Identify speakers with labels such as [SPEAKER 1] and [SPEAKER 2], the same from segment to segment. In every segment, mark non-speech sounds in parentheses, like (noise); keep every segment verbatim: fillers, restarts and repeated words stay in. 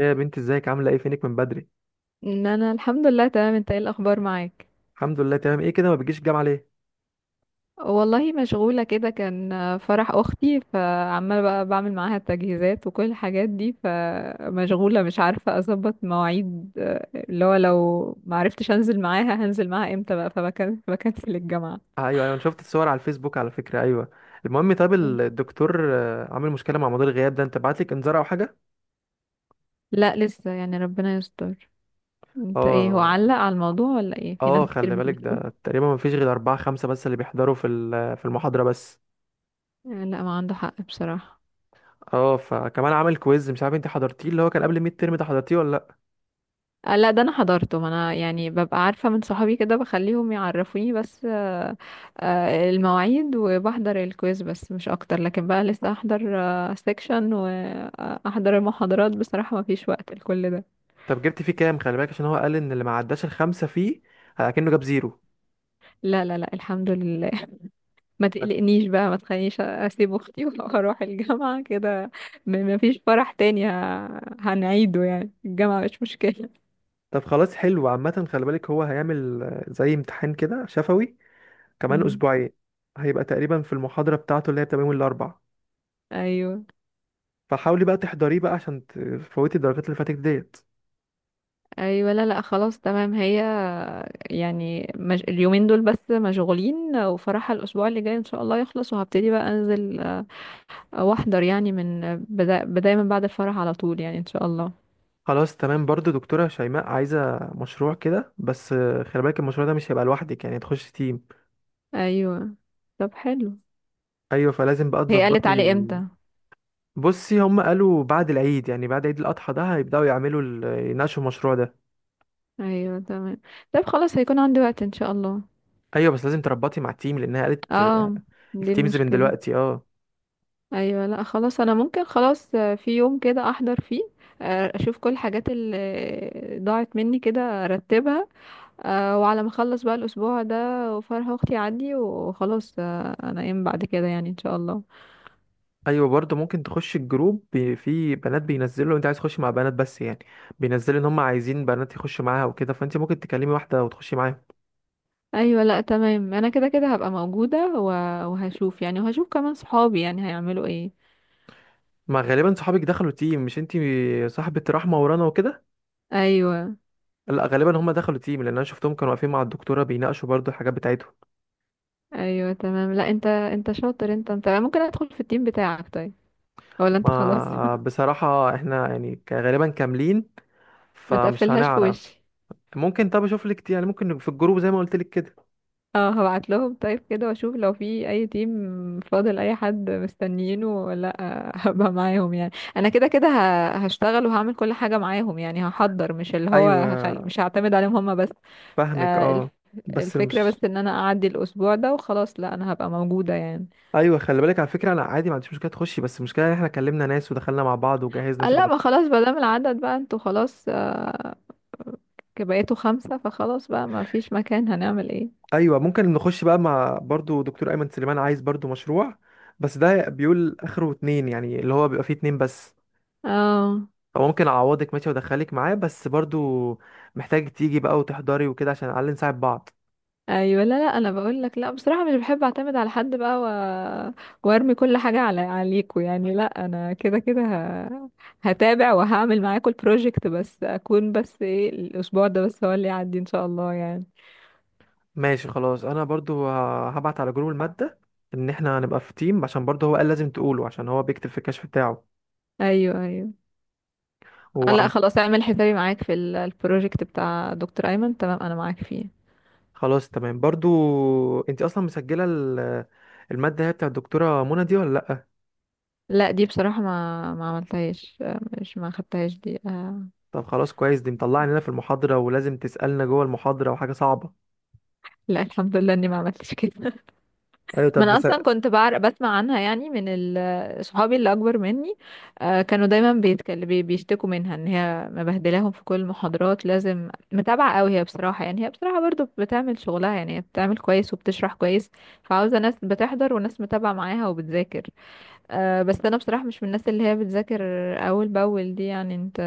[SPEAKER 1] ايه يا بنتي، ازيك؟ عامله ايه؟ فينك من بدري؟
[SPEAKER 2] ان انا الحمد لله تمام. انت ايه الاخبار معاك؟
[SPEAKER 1] الحمد لله تمام. ايه كده، ما بتجيش الجامعه ليه؟
[SPEAKER 2] والله مشغولة كده كان آه، فرح اختي، فعمالة بقى بعمل معاها التجهيزات وكل الحاجات دي، فمشغولة مش عارفة اظبط مواعيد، آه، اللي هو لو معرفتش انزل معاها هنزل معاها امتى بقى، فبكن بكنسل الجامعة.
[SPEAKER 1] آه ايوه ايوه، انا شفت الصور على الفيسبوك على فكره، ايوه. المهم، طب الدكتور آه، عامل مشكله مع موضوع الغياب ده، انت بعت لك انذار او حاجه؟
[SPEAKER 2] لا لسه يعني، ربنا يستر. انت ايه، هو
[SPEAKER 1] اه
[SPEAKER 2] علق على الموضوع ولا ايه؟ في ناس
[SPEAKER 1] اه،
[SPEAKER 2] كتير
[SPEAKER 1] خلي
[SPEAKER 2] مش
[SPEAKER 1] بالك
[SPEAKER 2] بتروح.
[SPEAKER 1] ده تقريبا ما فيش غير اربعة خمسة بس اللي بيحضروا في ال- في المحاضره بس.
[SPEAKER 2] آه، لا ما عنده حق بصراحة.
[SPEAKER 1] اه، فكمان عامل كويز مش عارف انت حضرتيه، اللي هو كان قبل الميد ترم ده، حضرتيه ولا لا؟
[SPEAKER 2] آه، لا ده انا حضرته، ما انا يعني ببقى عارفة من صحابي كده، بخليهم يعرفوني بس آه، آه، المواعيد، وبحضر الكويز بس مش اكتر، لكن بقى لسه احضر سيكشن واحضر المحاضرات، بصراحة ما فيش وقت لكل ده.
[SPEAKER 1] طب جبت فيه كام؟ خلي بالك عشان هو قال ان اللي ما عداش الخمسه فيه آه، كأنه جاب زيرو.
[SPEAKER 2] لا لا لا، الحمد لله. (laughs) ما تقلقنيش بقى، ما تخلينيش اسيب اختي (laughs) واروح الجامعة كده. م- ما فيش فرح تاني ه- هنعيده، يعني الجامعة مش مشكلة.
[SPEAKER 1] طب خلاص، حلو. عامة خلي بالك هو هيعمل آه، زي امتحان كده شفوي كمان
[SPEAKER 2] مم.
[SPEAKER 1] اسبوعين. هيبقى تقريبا في المحاضرة بتاعته اللي هي بتبقى يوم الاربعاء،
[SPEAKER 2] ايوه،
[SPEAKER 1] فحاولي بقى تحضريه بقى عشان تفوتي الدرجات اللي فاتت ديت.
[SPEAKER 2] ايوه. لا لا، خلاص تمام. هي يعني مج... اليومين دول بس مشغولين، وفرحها الاسبوع اللي جاي ان شاء الله يخلص، وهبتدي بقى انزل آه، واحضر، يعني من آه، بدا... بداية من بعد الفرح على طول يعني ان شاء الله.
[SPEAKER 1] خلاص تمام. برضو دكتورة شيماء عايزة مشروع كده، بس آه، خلي بالك المشروع ده مش هيبقى لوحدك، يعني تخش تيم.
[SPEAKER 2] ايوه، طب حلو.
[SPEAKER 1] ايوه فلازم بقى
[SPEAKER 2] هي قالت
[SPEAKER 1] تظبطي.
[SPEAKER 2] علي امتى؟
[SPEAKER 1] بصي هم قالوا بعد العيد يعني بعد عيد الاضحى ده هيبداوا يعملوا ال- يناقشوا المشروع ده.
[SPEAKER 2] ايوه تمام، طب خلاص هيكون عندي وقت ان شاء الله.
[SPEAKER 1] ايوه بس لازم تربطي مع التيم، لانها قالت آه،
[SPEAKER 2] اه، دي
[SPEAKER 1] التيمز من
[SPEAKER 2] المشكلة.
[SPEAKER 1] دلوقتي، اه.
[SPEAKER 2] ايوه، لا خلاص انا ممكن خلاص، آه، في يوم كده احضر فيه، آه، اشوف كل الحاجات اللي ضاعت مني كده ارتبها. أه وعلى ما اخلص بقى الاسبوع ده، وفرح اختي عندي وخلاص، آه، انا ايام بعد كده يعني ان شاء الله.
[SPEAKER 1] ايوه برضه ممكن تخش الجروب بي- في بنات بينزلوا، لو انت عايز تخش مع بنات بس يعني بينزلوا، ان هم عايزين بنات يخشوا معاها وكده، فانت ممكن تكلمي واحده وتخشي معاها.
[SPEAKER 2] ايوه لا تمام، انا كده كده هبقى موجوده و- وهشوف، يعني وهشوف كمان صحابي يعني هيعملوا ايه.
[SPEAKER 1] ما غالبا صحابك دخلوا تيم مش انت، صاحبه رحمه ورانا وكده.
[SPEAKER 2] ايوه
[SPEAKER 1] لا غالبا هم دخلوا تيم، لان انا شفتهم كانوا واقفين مع الدكتوره بيناقشوا برضه الحاجات بتاعتهم.
[SPEAKER 2] ايوه تمام، لا انت انت شاطر، انت انت ممكن ادخل في التيم بتاعك طيب؟ ولا انت خلاص؟
[SPEAKER 1] ما
[SPEAKER 2] (laughs)
[SPEAKER 1] بصراحه احنا يعني ك- غالبا كاملين،
[SPEAKER 2] ما
[SPEAKER 1] فمش
[SPEAKER 2] تقفلهاش في
[SPEAKER 1] هنعرف.
[SPEAKER 2] وشي.
[SPEAKER 1] ممكن، طب اشوف لك يعني، ممكن في الجروب زي ما قلت لك كده.
[SPEAKER 2] اه، هبعت لهم طيب كده، واشوف لو في اي تيم فاضل، اي حد مستنيينه ولا لأ، (laughs) هبقى معاهم يعني. انا كده كده ه- هشتغل وهعمل كل حاجة معاهم، يعني هحضر، مش اللي هو هخل...
[SPEAKER 1] ايوه
[SPEAKER 2] مش هعتمد عليهم هما بس.
[SPEAKER 1] فاهمك،
[SPEAKER 2] آه
[SPEAKER 1] اه.
[SPEAKER 2] الف...
[SPEAKER 1] بس
[SPEAKER 2] الفكرة بس
[SPEAKER 1] مش،
[SPEAKER 2] ان انا اعدي الاسبوع ده وخلاص، لا انا هبقى موجودة يعني.
[SPEAKER 1] ايوه خلي بالك على فكره، انا عادي ما عنديش مشكله تخشي، بس المشكله ان احنا كلمنا ناس ودخلنا مع بعض وجهزنا
[SPEAKER 2] آه لا
[SPEAKER 1] شغل.
[SPEAKER 2] ما خلاص، ما دام العدد بقى انتوا خلاص آه بقيتوا خمسة فخلاص بقى، ما فيش مكان هنعمل ايه.
[SPEAKER 1] ايوه ممكن نخش بقى مع، برضو دكتور ايمن سليمان عايز برضو مشروع، بس ده بيقول اخره اتنين، يعني اللي هو بيبقى فيه اتنين بس.
[SPEAKER 2] اه،
[SPEAKER 1] فممكن اعوضك ماشي وادخلك معاه، بس برضو محتاج تيجي بقى وتحضري وكده عشان على الأقل نساعد بعض.
[SPEAKER 2] ايوه لا لا، انا بقول لك لا، بصراحه مش بحب اعتمد على حد بقى و... وارمي كل حاجه على عليكوا، يعني لا انا كده كده ه... هتابع وهعمل معاكوا البروجكت، بس اكون بس ايه، الاسبوع ده بس هو اللي يعدي ان شاء الله يعني.
[SPEAKER 1] ماشي خلاص. انا برضو ه- هبعت على جروب الماده ان احنا هنبقى في تيم، عشان برضو هو قال لازم تقوله عشان هو بيكتب في الكشف بتاعه.
[SPEAKER 2] ايوه ايوه، آه، لا خلاص اعمل حسابي معاك في ال- البروجكت بتاع دكتور ايمن، تمام انا معاك فيه.
[SPEAKER 1] خلاص تمام. برضو انت اصلا مسجله ال- الماده، هي بتاع الدكتوره منى دي ولا لا؟
[SPEAKER 2] لا دي بصراحه ما ما عملتهاش، آه، مش ما خدتهاش دي آه،
[SPEAKER 1] طب خلاص كويس، دي مطلعني لنا في المحاضره، ولازم تسالنا جوه المحاضره، وحاجه صعبه.
[SPEAKER 2] لا الحمد لله اني ما عملتش كده.
[SPEAKER 1] ايوه
[SPEAKER 2] ما
[SPEAKER 1] طب
[SPEAKER 2] انا اصلا
[SPEAKER 1] مسا...
[SPEAKER 2] كنت بعرف، بسمع عنها يعني من ال- صحابي اللي اكبر مني. آه، كانوا دايما بيتكلم بيشتكوا منها ان هي مبهدلاهم في كل المحاضرات، لازم متابعه قوي. هي بصراحه يعني، هي بصراحه برضو بتعمل شغلها، يعني هي بتعمل كويس وبتشرح كويس، فعاوزه ناس بتحضر وناس متابعه معاها وبتذاكر. آه، بس انا بصراحه مش من الناس اللي هي بتذاكر اول باول دي، يعني انت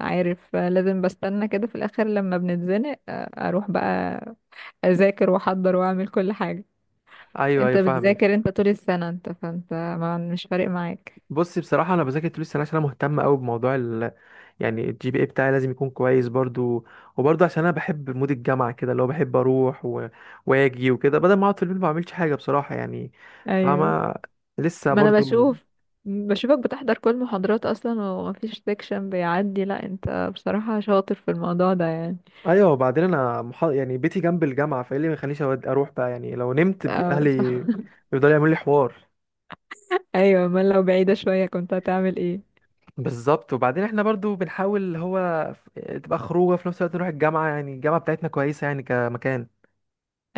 [SPEAKER 2] عارف، آه، لازم بستنى كده في الاخر لما بنتزنق، آه، اروح بقى اذاكر واحضر واعمل كل حاجه.
[SPEAKER 1] ايوه ايوه
[SPEAKER 2] انت
[SPEAKER 1] فاهمك.
[SPEAKER 2] بتذاكر انت طول السنة انت، فانت ما مش فارق معاك.
[SPEAKER 1] بصي بصراحه انا بذاكر طول السنه، عشان انا مهتم قوي بموضوع ال... يعني الجي بي اي بتاعي لازم يكون كويس برضو. وبرضو عشان انا بحب مود الجامعه كده، اللي هو بحب اروح و... واجي وكده، بدل ما اقعد في البيت ما بعملش حاجه بصراحه يعني.
[SPEAKER 2] ايوه،
[SPEAKER 1] فاهمه؟ لسه
[SPEAKER 2] ما انا
[SPEAKER 1] برضو.
[SPEAKER 2] بشوف بشوفك بتحضر كل محاضرات اصلا، ومفيش سيكشن بيعدي، لا انت بصراحة شاطر في الموضوع ده يعني.
[SPEAKER 1] ايوه وبعدين انا مح... يعني بيتي جنب الجامعه، فايه اللي ما يخلينيش أود- اروح بقى؟ يعني لو نمت، ب-
[SPEAKER 2] اه
[SPEAKER 1] اهلي
[SPEAKER 2] صح. (laughs)
[SPEAKER 1] بيفضلوا يعملوا لي حوار.
[SPEAKER 2] ايوه، امال لو بعيدة شوية كنت هتعمل ايه؟
[SPEAKER 1] بالظبط، وبعدين احنا برضو بنحاول اللي هو ف- تبقى خروجه في نفس الوقت نروح الجامعه، يعني الجامعه بتاعتنا كويسه يعني كمكان.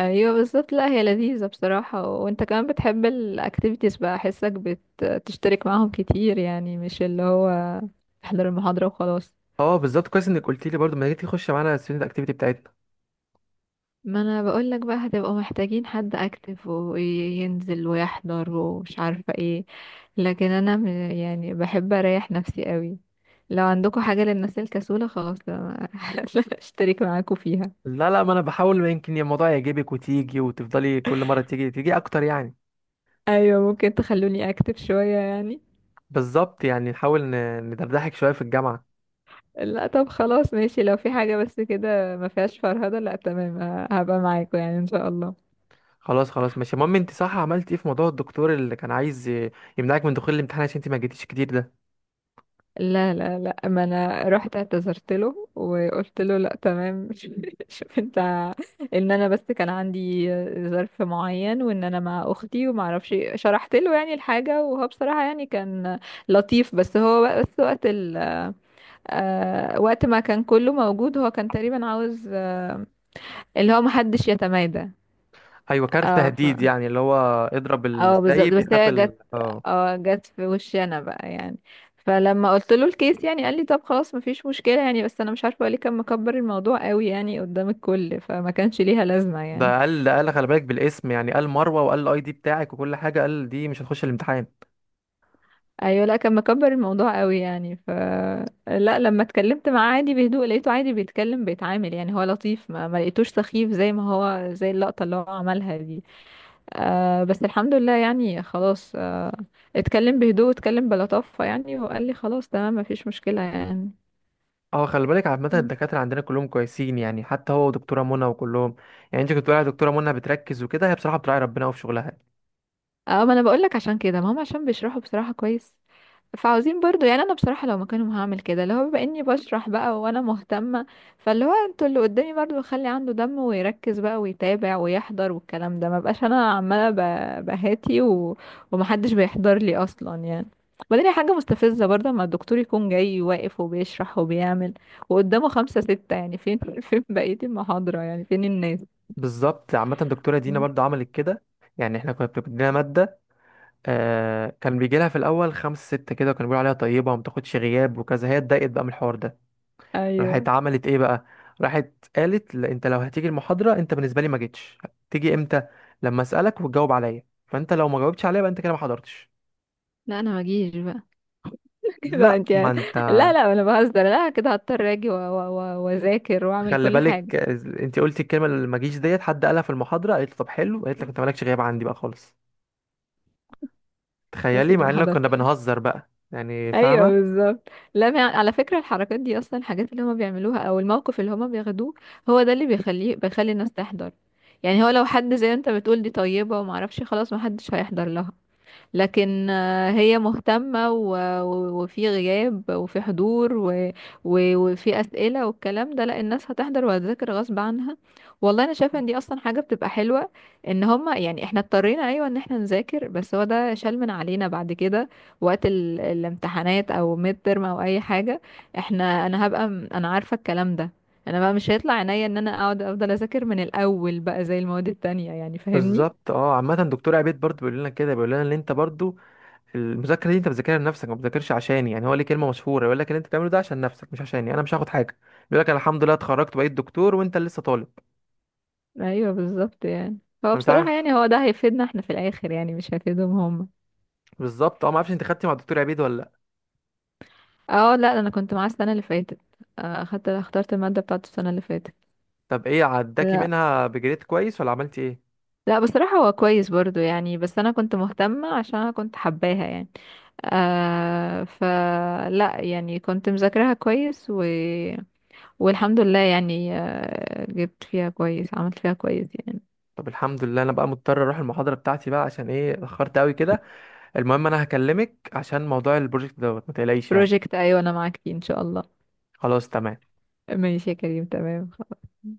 [SPEAKER 2] ايوه بالظبط، لا هي لذيذة بصراحة، وانت كمان بتحب الاكتيفيتيز بقى، احسك بتشترك معاهم كتير، يعني مش اللي هو تحضر المحاضرة وخلاص.
[SPEAKER 1] اه بالظبط، كويس انك قلت لي. برضو ما تيجي تخش معانا الستودنت اكتيفيتي بتاعتنا.
[SPEAKER 2] ما انا بقول لك بقى، هتبقوا محتاجين حد اكتف وينزل ويحضر ومش عارفة ايه، لكن انا م- يعني بحب اريح نفسي قوي. لو عندكم حاجة للناس الكسولة خلاص أنا (laughs) اشترك معاكم فيها.
[SPEAKER 1] لا لا، ما انا بحاول ما يمكن الموضوع يعجبك وتيجي وتفضلي كل مره تيجي تيجي اكتر يعني.
[SPEAKER 2] ايوه ممكن تخلوني اكتف شوية يعني.
[SPEAKER 1] بالظبط، يعني نحاول ن- ندردحك شويه في الجامعه.
[SPEAKER 2] لا طب خلاص ماشي، لو في حاجة بس كده ما فيهاش فرهدة، لا تمام ه- هبقى معاكم يعني ان شاء الله.
[SPEAKER 1] خلاص خلاص ماشي. المهم انت صح، عملت ايه في موضوع الدكتور اللي كان عايز ي- يمنعك من دخول الامتحان عشان انت ما جيتيش كتير ده؟
[SPEAKER 2] لا لا لا، ما انا رحت اعتذرت له وقلت له لا تمام، (laughs) شوف انت، ان انا بس كان عندي ظرف معين، وان انا مع اختي وما اعرفش إيه. شرحت له يعني الحاجه، وهو بصراحه يعني كان لطيف، بس هو بقى- بس وقت ال، آه، وقت ما كان كله موجود هو كان تقريبا عاوز، آه، اللي هو محدش يتمادى.
[SPEAKER 1] ايوه كارت
[SPEAKER 2] اه.
[SPEAKER 1] تهديد يعني، اللي هو اضرب
[SPEAKER 2] اه بالظبط،
[SPEAKER 1] السايب
[SPEAKER 2] بس
[SPEAKER 1] يخاف
[SPEAKER 2] هي جت،
[SPEAKER 1] ال، اه.
[SPEAKER 2] اه جت في وشي انا بقى يعني. فلما قلت له الكيس يعني، قال لي طب خلاص مفيش مشكلة يعني، بس انا مش عارفة هو ليه كان مكبر الموضوع قوي يعني قدام الكل، فما كانش ليها لازمة يعني.
[SPEAKER 1] ده قال ده قال خلي بالك بالاسم يعني، قال مروه وقال الاي دي بتاعك وكل حاجه، قال دي مش هتخش الامتحان.
[SPEAKER 2] ايوه، لا كان مكبر الموضوع قوي يعني، ف لا لما اتكلمت معاه عادي بهدوء لقيته عادي بيتكلم بيتعامل، يعني هو لطيف، ما, ما لقيتوش سخيف زي ما هو زي اللقطة اللي هو عملها دي. آه بس الحمد لله يعني خلاص، آه اتكلم بهدوء، اتكلم بلطافة يعني، وقال لي خلاص تمام مفيش مشكلة يعني.
[SPEAKER 1] اه خلي بالك، عامه
[SPEAKER 2] مم.
[SPEAKER 1] الدكاتره عندنا كلهم كويسين يعني، حتى هو ودكتوره منى وكلهم. يعني انت كنت بتقولي على دكتوره منى بتركز وكده، هي بصراحه بتراعي ربنا قوي في شغلها.
[SPEAKER 2] اه، ما انا بقول لك عشان كده، ما هم عشان بيشرحوا بصراحة كويس، فعاوزين برضو. يعني انا بصراحة لو مكانهم هعمل كده، اللي هو بما اني بشرح بقى وانا مهتمة، فاللي هو انتوا اللي قدامي برضو خلي عنده دم ويركز بقى ويتابع ويحضر، والكلام ده ما بقاش انا عمالة ب- بهاتي و... ومحدش بيحضر لي اصلا يعني. وبعدين هي حاجة مستفزة برضه، اما الدكتور يكون جاي واقف وبيشرح وبيعمل، وقدامه خمسة ستة، يعني فين (laughs) فين بقية المحاضرة؟ يعني فين الناس؟
[SPEAKER 1] بالظبط، عامه الدكتوره دينا
[SPEAKER 2] مم.
[SPEAKER 1] برضه عملت كده، يعني احنا كنا بتدينا ماده. آه كان بيجي لها في الاول خمس ست كده، وكانوا بيقولوا عليها طيبه وما بتاخدش غياب وكذا، هي اتضايقت بقى من الحوار ده.
[SPEAKER 2] ايوه،
[SPEAKER 1] راحت عملت ايه بقى؟ راحت قالت، لا، انت لو هتيجي المحاضره انت بالنسبه لي ما جيتش. تيجي امتى؟ لما اسالك وتجاوب عليا، فانت لو ما جاوبتش عليا بقى انت كده ما حضرتش.
[SPEAKER 2] لا انا ما اجيش بقى. (laughs) كده
[SPEAKER 1] لا
[SPEAKER 2] انت،
[SPEAKER 1] ما انت،
[SPEAKER 2] لا لا انا بهزر، لا كده هضطر اجي و- و- و- واذاكر واعمل
[SPEAKER 1] خلي
[SPEAKER 2] كل حاجه.
[SPEAKER 1] بالك آه، انت قلتي الكلمه اللي ما جيش ديت، حد قالها في المحاضره، قالت له طب حلو، قالت لك انت مالكش غياب عندي بقى خالص.
[SPEAKER 2] كويس
[SPEAKER 1] تخيلي،
[SPEAKER 2] اني
[SPEAKER 1] مع
[SPEAKER 2] ما
[SPEAKER 1] اننا كنا
[SPEAKER 2] حضرتش. (laughs)
[SPEAKER 1] بنهزر بقى يعني،
[SPEAKER 2] ايوه
[SPEAKER 1] فاهمه؟
[SPEAKER 2] بالظبط، لا ما- على فكره الحركات دي اصلا، الحاجات اللي هما بيعملوها او الموقف اللي هما بياخدوه، هو ده اللي بيخليه بيخلي الناس تحضر. يعني هو لو حد زي ما انت بتقول دي طيبه وما اعرفش، خلاص ما حدش هيحضر لها. لكن آه، هي مهتمة، و- و- وفي غياب وفي حضور، و- و- وفي أسئلة والكلام ده، لا الناس هتحضر وهتذاكر غصب عنها. والله أنا شايفة إن دي أصلا حاجة بتبقى حلوة، إن هما يعني، إحنا اضطرينا أيوة إن إحنا نذاكر، بس هو ده شال من علينا بعد كده وقت ال- الامتحانات أو ميد ترم أو أي حاجة. إحنا، أنا هبقى م- أنا عارفة الكلام ده، أنا بقى مش هيطلع عينيا إن أنا أقعد أفضل أذاكر من الأول بقى زي المواد التانية، يعني فاهمني؟
[SPEAKER 1] بالظبط اه. عامة دكتور عبيد برضو بيقول لنا كده، بيقول لنا ان انت برضو المذاكره دي انت بتذاكرها لنفسك، ما بتذاكرش عشاني، يعني هو ليه كلمه مشهوره يقول لك اللي انت بتعمله ده عشان نفسك مش عشاني، انا مش هاخد حاجه. بيقول لك أنا الحمد لله اتخرجت بقيت دكتور وانت لسه طالب.
[SPEAKER 2] ايوه بالظبط يعني. هو
[SPEAKER 1] انا مش
[SPEAKER 2] بصراحة
[SPEAKER 1] عارف،
[SPEAKER 2] يعني، هو ده هيفيدنا احنا في الاخر، يعني مش هيفيدهم هم.
[SPEAKER 1] بالظبط اه. ما اعرفش انت خدتي مع الدكتور عبيد ولا لا؟
[SPEAKER 2] اه، لا انا كنت معاه السنة اللي فاتت، آه، اخدت اخترت المادة بتاعته السنة اللي فاتت.
[SPEAKER 1] طب ايه عداكي
[SPEAKER 2] لا
[SPEAKER 1] منها، بجريد كويس ولا عملتي ايه؟
[SPEAKER 2] لا، بصراحة هو كويس برضو يعني، بس انا كنت مهتمة عشان انا كنت حباها يعني، آه فلا يعني كنت مذاكراها كويس و... والحمد لله يعني، آه جبت فيها كويس، عملت فيها كويس يعني.
[SPEAKER 1] طب الحمد لله. انا بقى مضطر اروح المحاضره بتاعتي بقى، عشان ايه اتاخرت قوي كده. المهم انا هكلمك عشان موضوع البروجكت دوت، ما تقلقيش يعني.
[SPEAKER 2] بروجكت، ايوه انا معاك فيه ان شاء الله.
[SPEAKER 1] خلاص تمام.
[SPEAKER 2] ماشي يا كريم، تمام خلاص.